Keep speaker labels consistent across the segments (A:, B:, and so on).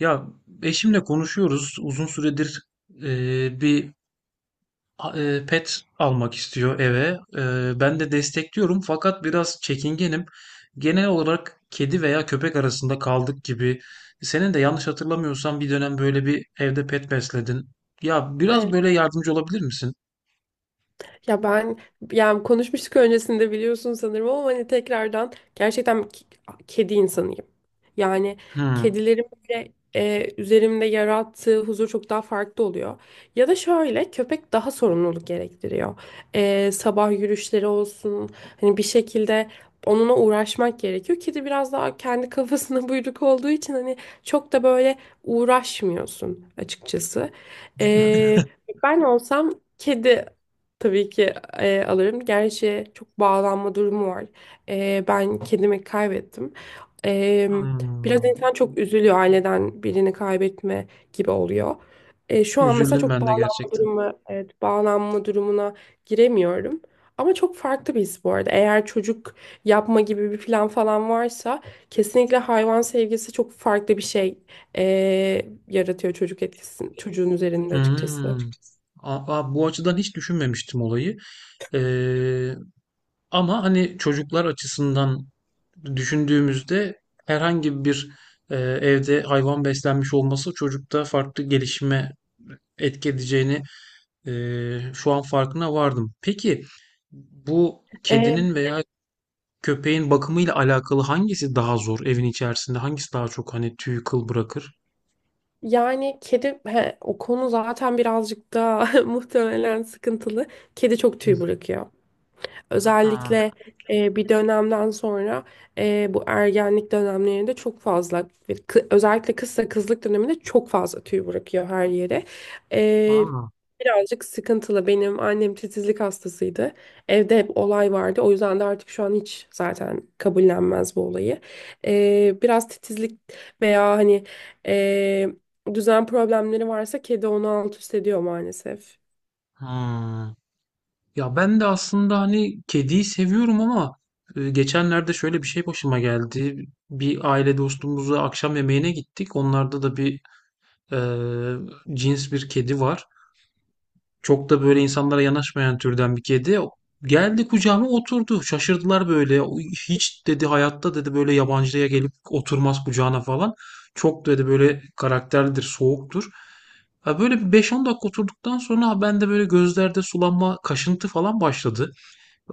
A: Ya eşimle konuşuyoruz. Uzun süredir bir pet almak istiyor eve. Ben de destekliyorum fakat biraz çekingenim. Genel olarak kedi veya köpek arasında kaldık gibi. Senin de yanlış hatırlamıyorsam bir dönem böyle bir evde pet besledin. Ya biraz
B: Evet.
A: böyle yardımcı olabilir misin?
B: Ya ben yani konuşmuştuk öncesinde biliyorsun sanırım ama hani tekrardan gerçekten kedi insanıyım. Yani
A: Hmm.
B: kedilerin böyle üzerimde yarattığı huzur çok daha farklı oluyor. Ya da şöyle, köpek daha sorumluluk gerektiriyor. Sabah yürüyüşleri olsun, hani bir şekilde onunla uğraşmak gerekiyor. Kedi biraz daha kendi kafasına buyruk olduğu için hani çok da böyle uğraşmıyorsun açıkçası. E, Ben olsam kedi, tabii ki alırım. Gerçi çok bağlanma durumu var. Ben kedimi kaybettim. E, Biraz
A: Hmm.
B: insan çok üzülüyor, aileden birini kaybetme gibi oluyor. Şu an mesela
A: Üzüldüm
B: çok
A: ben de
B: bağlanma
A: gerçekten.
B: durumu, evet, bağlanma durumuna giremiyorum. Ama çok farklı bir his bu arada. Eğer çocuk yapma gibi bir plan falan varsa, kesinlikle hayvan sevgisi çok farklı bir şey e, yaratıyor, çocuk etkisini çocuğun üzerinde açıkçası.
A: Hmm. Aa, bu açıdan hiç düşünmemiştim olayı. Ee, Ama hani çocuklar açısından düşündüğümüzde herhangi bir evde hayvan beslenmiş olması çocukta farklı gelişime etki edeceğini şu an farkına vardım. Peki bu
B: E,
A: kedinin veya köpeğin bakımıyla alakalı hangisi daha zor evin içerisinde? Hangisi daha çok hani tüy kıl bırakır?
B: Yani kedi he, o konu zaten birazcık daha muhtemelen sıkıntılı. Kedi çok
A: Hı.
B: tüy bırakıyor.
A: Aa,
B: Özellikle bir dönemden sonra, bu ergenlik dönemlerinde çok fazla ve özellikle kızsa kızlık döneminde çok fazla tüy bırakıyor her yere. E,
A: aa,
B: Birazcık sıkıntılı. Benim annem titizlik hastasıydı. Evde hep olay vardı. O yüzden de artık şu an hiç zaten kabullenmez bu olayı. Biraz titizlik veya hani e, düzen problemleri varsa, kedi onu alt üst ediyor maalesef.
A: aa. Ya ben de aslında hani kediyi seviyorum ama geçenlerde şöyle bir şey başıma geldi. Bir aile dostumuzla akşam yemeğine gittik. Onlarda da bir e, cins bir kedi var. Çok da böyle insanlara yanaşmayan türden bir kedi. Geldi kucağıma oturdu. Şaşırdılar böyle. O "Hiç," dedi, "hayatta," dedi, "böyle yabancıya gelip oturmaz kucağına falan. Çok," dedi, "böyle karakterlidir, soğuktur." Ha böyle bir 5-10 dakika oturduktan sonra ben de böyle gözlerde sulanma, kaşıntı falan başladı.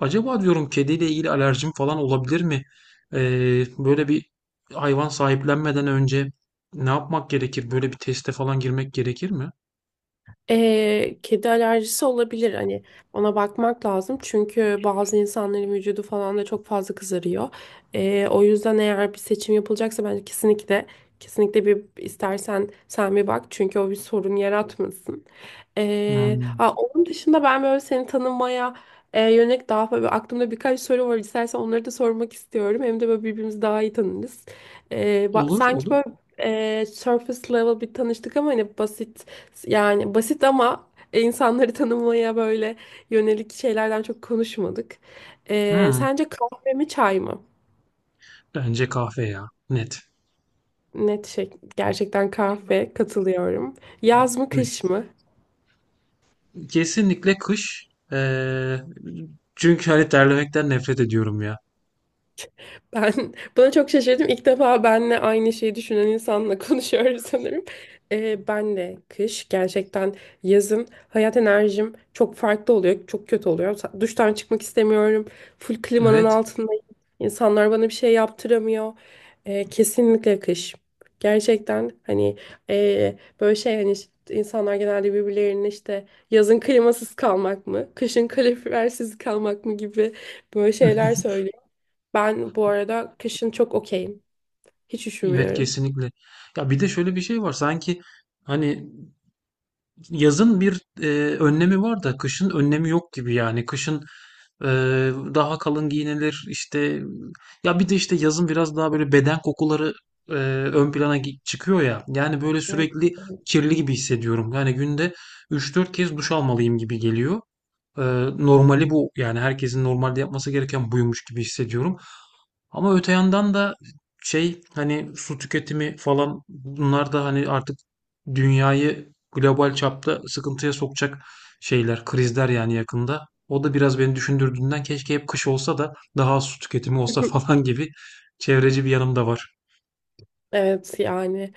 A: Acaba diyorum kediyle ilgili alerjim falan olabilir mi? Böyle bir hayvan sahiplenmeden önce ne yapmak gerekir? Böyle bir teste falan girmek gerekir mi?
B: Kedi alerjisi olabilir, hani ona bakmak lazım çünkü bazı insanların vücudu falan da çok fazla kızarıyor. O yüzden eğer bir seçim yapılacaksa, bence kesinlikle bir istersen sen bir bak, çünkü o bir sorun yaratmasın.
A: Hmm.
B: Ha, Onun dışında ben böyle seni tanımaya yönelik daha böyle aklımda birkaç soru var, istersen onları da sormak istiyorum, hem de böyle birbirimizi daha iyi tanırız.
A: Olur,
B: Sanki
A: olur.
B: böyle surface level bir tanıştık ama hani basit, yani basit ama insanları tanımaya böyle yönelik şeylerden çok konuşmadık.
A: Hmm.
B: Sence kahve mi çay mı?
A: Bence kahve ya. Net,
B: Net şey, gerçekten kahve, katılıyorum. Yaz mı
A: net.
B: kış mı?
A: Kesinlikle kış. Çünkü hani terlemekten nefret ediyorum ya.
B: Ben buna çok şaşırdım. İlk defa benle aynı şeyi düşünen insanla konuşuyoruz sanırım. Benle kış gerçekten, yazın hayat enerjim çok farklı oluyor. Çok kötü oluyor. Duştan çıkmak istemiyorum. Full klimanın
A: Evet.
B: altındayım. İnsanlar bana bir şey yaptıramıyor. Kesinlikle kış. Gerçekten hani e, böyle şey, hani işte insanlar genelde birbirlerinin işte yazın klimasız kalmak mı, kışın kalorifersiz kalmak mı gibi böyle şeyler söylüyor. Ben bu arada kışın çok okeyim. Hiç
A: Evet,
B: üşümüyorum.
A: kesinlikle. Ya bir de şöyle bir şey var. Sanki hani yazın bir önlemi var da kışın önlemi yok gibi yani. Kışın e, daha kalın giyinilir işte. Ya bir de işte yazın biraz daha böyle beden kokuları ön plana çıkıyor ya. Yani böyle
B: Evet.
A: sürekli kirli gibi hissediyorum. Yani günde üç dört kez duş almalıyım gibi geliyor. E, Normali bu yani, herkesin normalde yapması gereken buymuş gibi hissediyorum. Ama öte yandan da şey, hani su tüketimi falan, bunlar da hani artık dünyayı global çapta sıkıntıya sokacak şeyler, krizler yani yakında. O da biraz beni düşündürdüğünden keşke hep kış olsa da daha az su tüketimi olsa falan gibi çevreci bir yanım da var.
B: Evet, yani.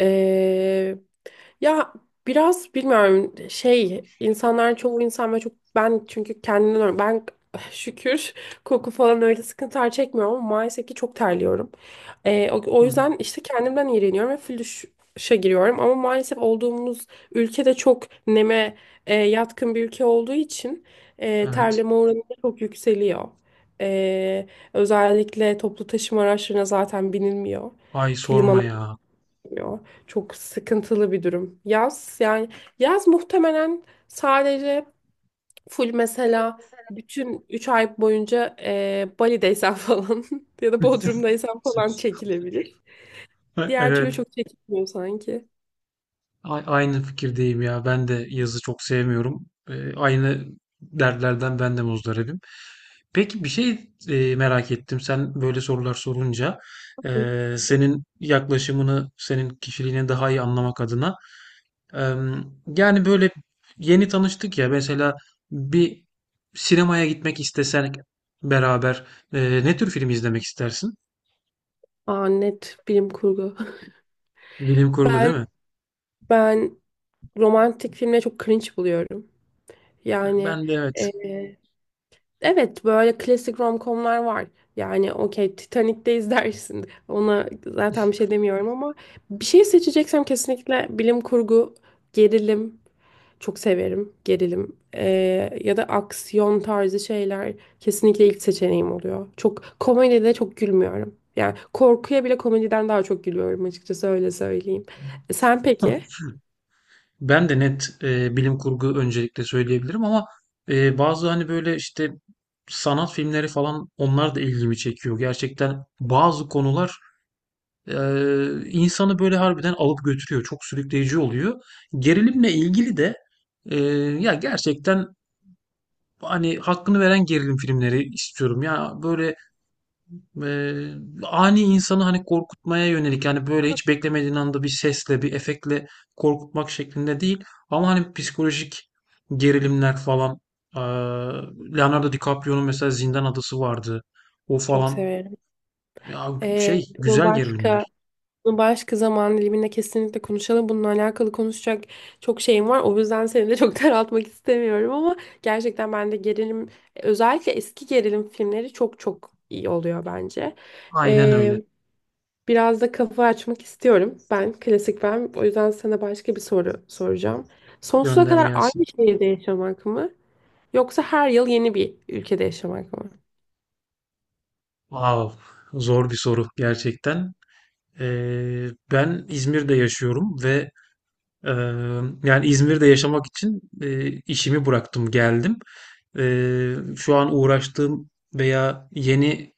B: Ee, Ya, biraz bilmiyorum şey, insanların çoğu insan ve çok ben çünkü ben şükür koku falan öyle sıkıntılar çekmiyorum ama maalesef ki çok terliyorum. O
A: Hı,
B: yüzden işte kendimden iğreniyorum ve flüşe giriyorum, ama maalesef olduğumuz ülkede çok neme yatkın bir ülke olduğu için
A: evet.
B: terleme oranı da çok yükseliyor. Ee, Özellikle toplu taşıma araçlarına zaten binilmiyor.
A: Ay sorma ya.
B: Yo, çok sıkıntılı bir durum. Yaz, yani yaz muhtemelen sadece full mesela bütün 3 ay boyunca Bali'deysen falan ya da Bodrum'daysan falan çekilebilir. Diğer türlü
A: Evet.
B: çok çekilmiyor sanki.
A: Aynı fikirdeyim ya. Ben de yazı çok sevmiyorum. Aynı dertlerden ben de muzdaribim. Peki bir şey merak ettim. Sen böyle sorular sorunca senin yaklaşımını, senin kişiliğini daha iyi anlamak adına. e, Yani böyle yeni tanıştık ya. Mesela bir sinemaya gitmek istesen beraber ne tür film izlemek istersin?
B: Aa, net bilim kurgu.
A: Bilim kurgu
B: Ben
A: değil mi?
B: ben romantik filmleri çok cringe buluyorum. Yani
A: Ben de, evet.
B: evet, böyle klasik romcomlar var. Yani okey, Titanic'te izlersin. Ona zaten bir şey demiyorum, ama bir şey seçeceksem kesinlikle bilim kurgu, gerilim. Çok severim gerilim. Ya da aksiyon tarzı şeyler kesinlikle ilk seçeneğim oluyor. Çok komedide çok gülmüyorum. Yani korkuya bile komediden daha çok gülüyorum açıkçası, öyle söyleyeyim. Sen peki?
A: Ben de net bilim kurgu öncelikle söyleyebilirim ama bazı hani böyle işte sanat filmleri falan onlar da ilgimi çekiyor. Gerçekten bazı konular e, insanı böyle harbiden alıp götürüyor. Çok sürükleyici oluyor. Gerilimle ilgili de e, ya gerçekten hani hakkını veren gerilim filmleri istiyorum. Ya böyle Eee, ani insanı hani korkutmaya yönelik yani böyle hiç beklemediğin anda bir sesle bir efektle korkutmak şeklinde değil, ama hani psikolojik gerilimler falan, eee, Leonardo DiCaprio'nun mesela Zindan Adası vardı, o
B: Çok
A: falan
B: severim.
A: ya.
B: Ee,
A: Şey,
B: bunu
A: güzel
B: başka
A: gerilimler.
B: bunu başka zaman diliminde kesinlikle konuşalım. Bununla alakalı konuşacak çok şeyim var. O yüzden seni de çok daraltmak istemiyorum, ama gerçekten ben de gerilim, özellikle eski gerilim filmleri çok çok iyi oluyor bence.
A: Aynen öyle.
B: Biraz da kafa açmak istiyorum. Ben klasik ben. O yüzden sana başka bir soru soracağım. Sonsuza
A: Gönder
B: kadar
A: gelsin.
B: aynı şehirde yaşamak mı? Yoksa her yıl yeni bir ülkede yaşamak mı?
A: Vav, zor bir soru gerçekten. Ben İzmir'de yaşıyorum ve yani İzmir'de yaşamak için işimi bıraktım, geldim. Şu an uğraştığım veya yeni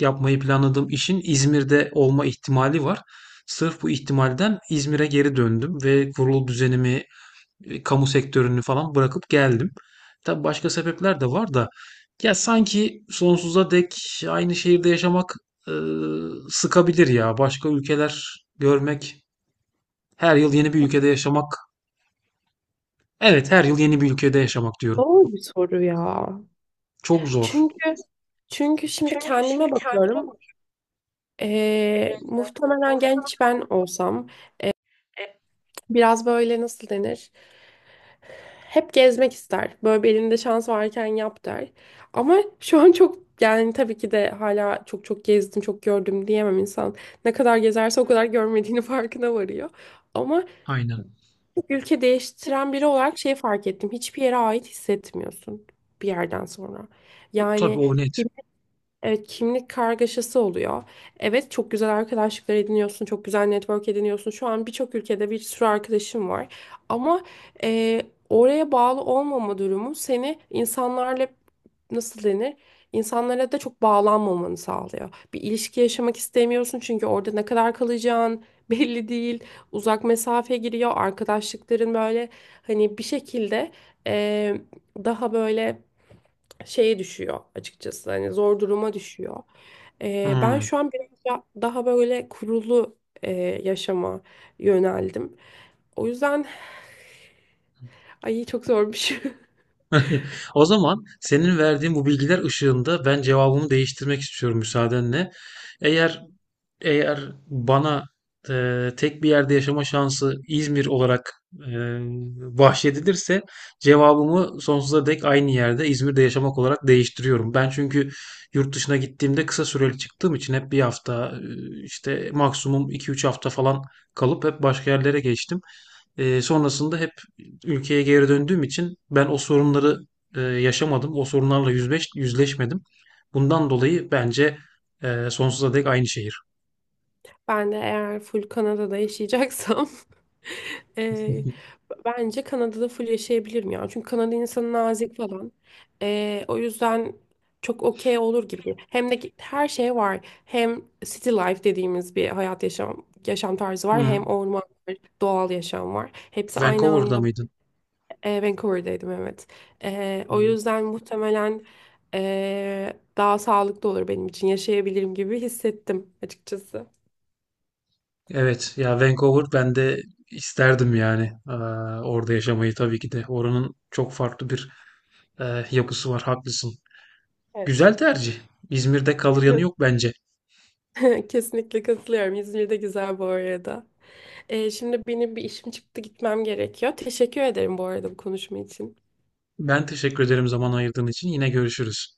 A: yapmayı planladığım işin İzmir'de olma ihtimali var. Sırf bu ihtimalden İzmir'e geri döndüm ve kurulu düzenimi, kamu sektörünü falan bırakıp geldim. Tabii başka sebepler de var da, ya sanki sonsuza dek aynı şehirde yaşamak e, sıkabilir ya. Başka ülkeler görmek, her yıl yeni bir ülkede yaşamak. Evet, her yıl yeni bir ülkede yaşamak diyorum.
B: Doğru bir soru ya.
A: Çok zor.
B: Çünkü çünkü şimdi kendime bakıyorum. Muhtemelen genç ben olsam biraz böyle, nasıl denir? Hep gezmek ister. Böyle bir elinde şans varken yap der. Ama şu an çok, yani tabii ki de hala, çok çok gezdim, çok gördüm diyemem insan. Ne kadar gezerse o kadar görmediğini farkına varıyor. Ama
A: Aynen.
B: ülke değiştiren biri olarak şey fark ettim. Hiçbir yere ait hissetmiyorsun bir yerden sonra.
A: Tabii,
B: Yani
A: o net.
B: evet, kimlik kargaşası oluyor. Evet, çok güzel arkadaşlıklar ediniyorsun, çok güzel network ediniyorsun. Şu an birçok ülkede bir sürü arkadaşım var. Ama eee, oraya bağlı olmama durumu seni insanlarla, nasıl denir, İnsanlara da çok bağlanmamanı sağlıyor. Bir ilişki yaşamak istemiyorsun çünkü orada ne kadar kalacağın belli değil. Uzak mesafe giriyor. Arkadaşlıkların böyle hani bir şekilde eee, daha böyle şeye düşüyor açıkçası. Hani zor duruma düşüyor. Ben
A: Hıı.
B: şu an biraz daha böyle kurulu e, yaşama yöneldim. O yüzden ay çok zormuş.
A: O zaman senin verdiğin bu bilgiler ışığında ben cevabımı değiştirmek istiyorum müsaadenle. Eğer eğer bana tek bir yerde yaşama şansı İzmir olarak e, bahşedilirse cevabımı sonsuza dek aynı yerde İzmir'de yaşamak olarak değiştiriyorum. Ben çünkü yurt dışına gittiğimde kısa süreli çıktığım için hep bir hafta işte maksimum iki üç hafta falan kalıp hep başka yerlere geçtim. Sonrasında hep ülkeye geri döndüğüm için ben o sorunları yaşamadım. O sorunlarla yüzleşmedim. Bundan dolayı bence sonsuza dek aynı şehir.
B: Ben de eğer full Kanada'da yaşayacaksam eee, bence Kanada'da full yaşayabilirim ya. Çünkü Kanada insanı nazik falan. O yüzden çok okey olur gibi. Hem de her şey var. Hem city life dediğimiz bir hayat yaşam tarzı var.
A: Hı.
B: Hem orman var, doğal yaşam var. Hepsi aynı
A: Vancouver'da
B: anda.
A: mıydın?
B: Vancouver'daydım, evet. O
A: Hı.
B: yüzden muhtemelen daha sağlıklı olur, benim için yaşayabilirim gibi hissettim açıkçası.
A: Evet ya, Vancouver, ben de isterdim yani. Orada yaşamayı tabii ki de. Oranın çok farklı bir yapısı var, haklısın.
B: Evet.
A: Güzel tercih. İzmir'de kalır yanı yok bence.
B: Kesinlikle katılıyorum. İzmir de güzel bu arada. Şimdi benim bir işim çıktı, gitmem gerekiyor. Teşekkür ederim bu arada bu konuşma için.
A: Ben teşekkür ederim zaman ayırdığın için. Yine görüşürüz.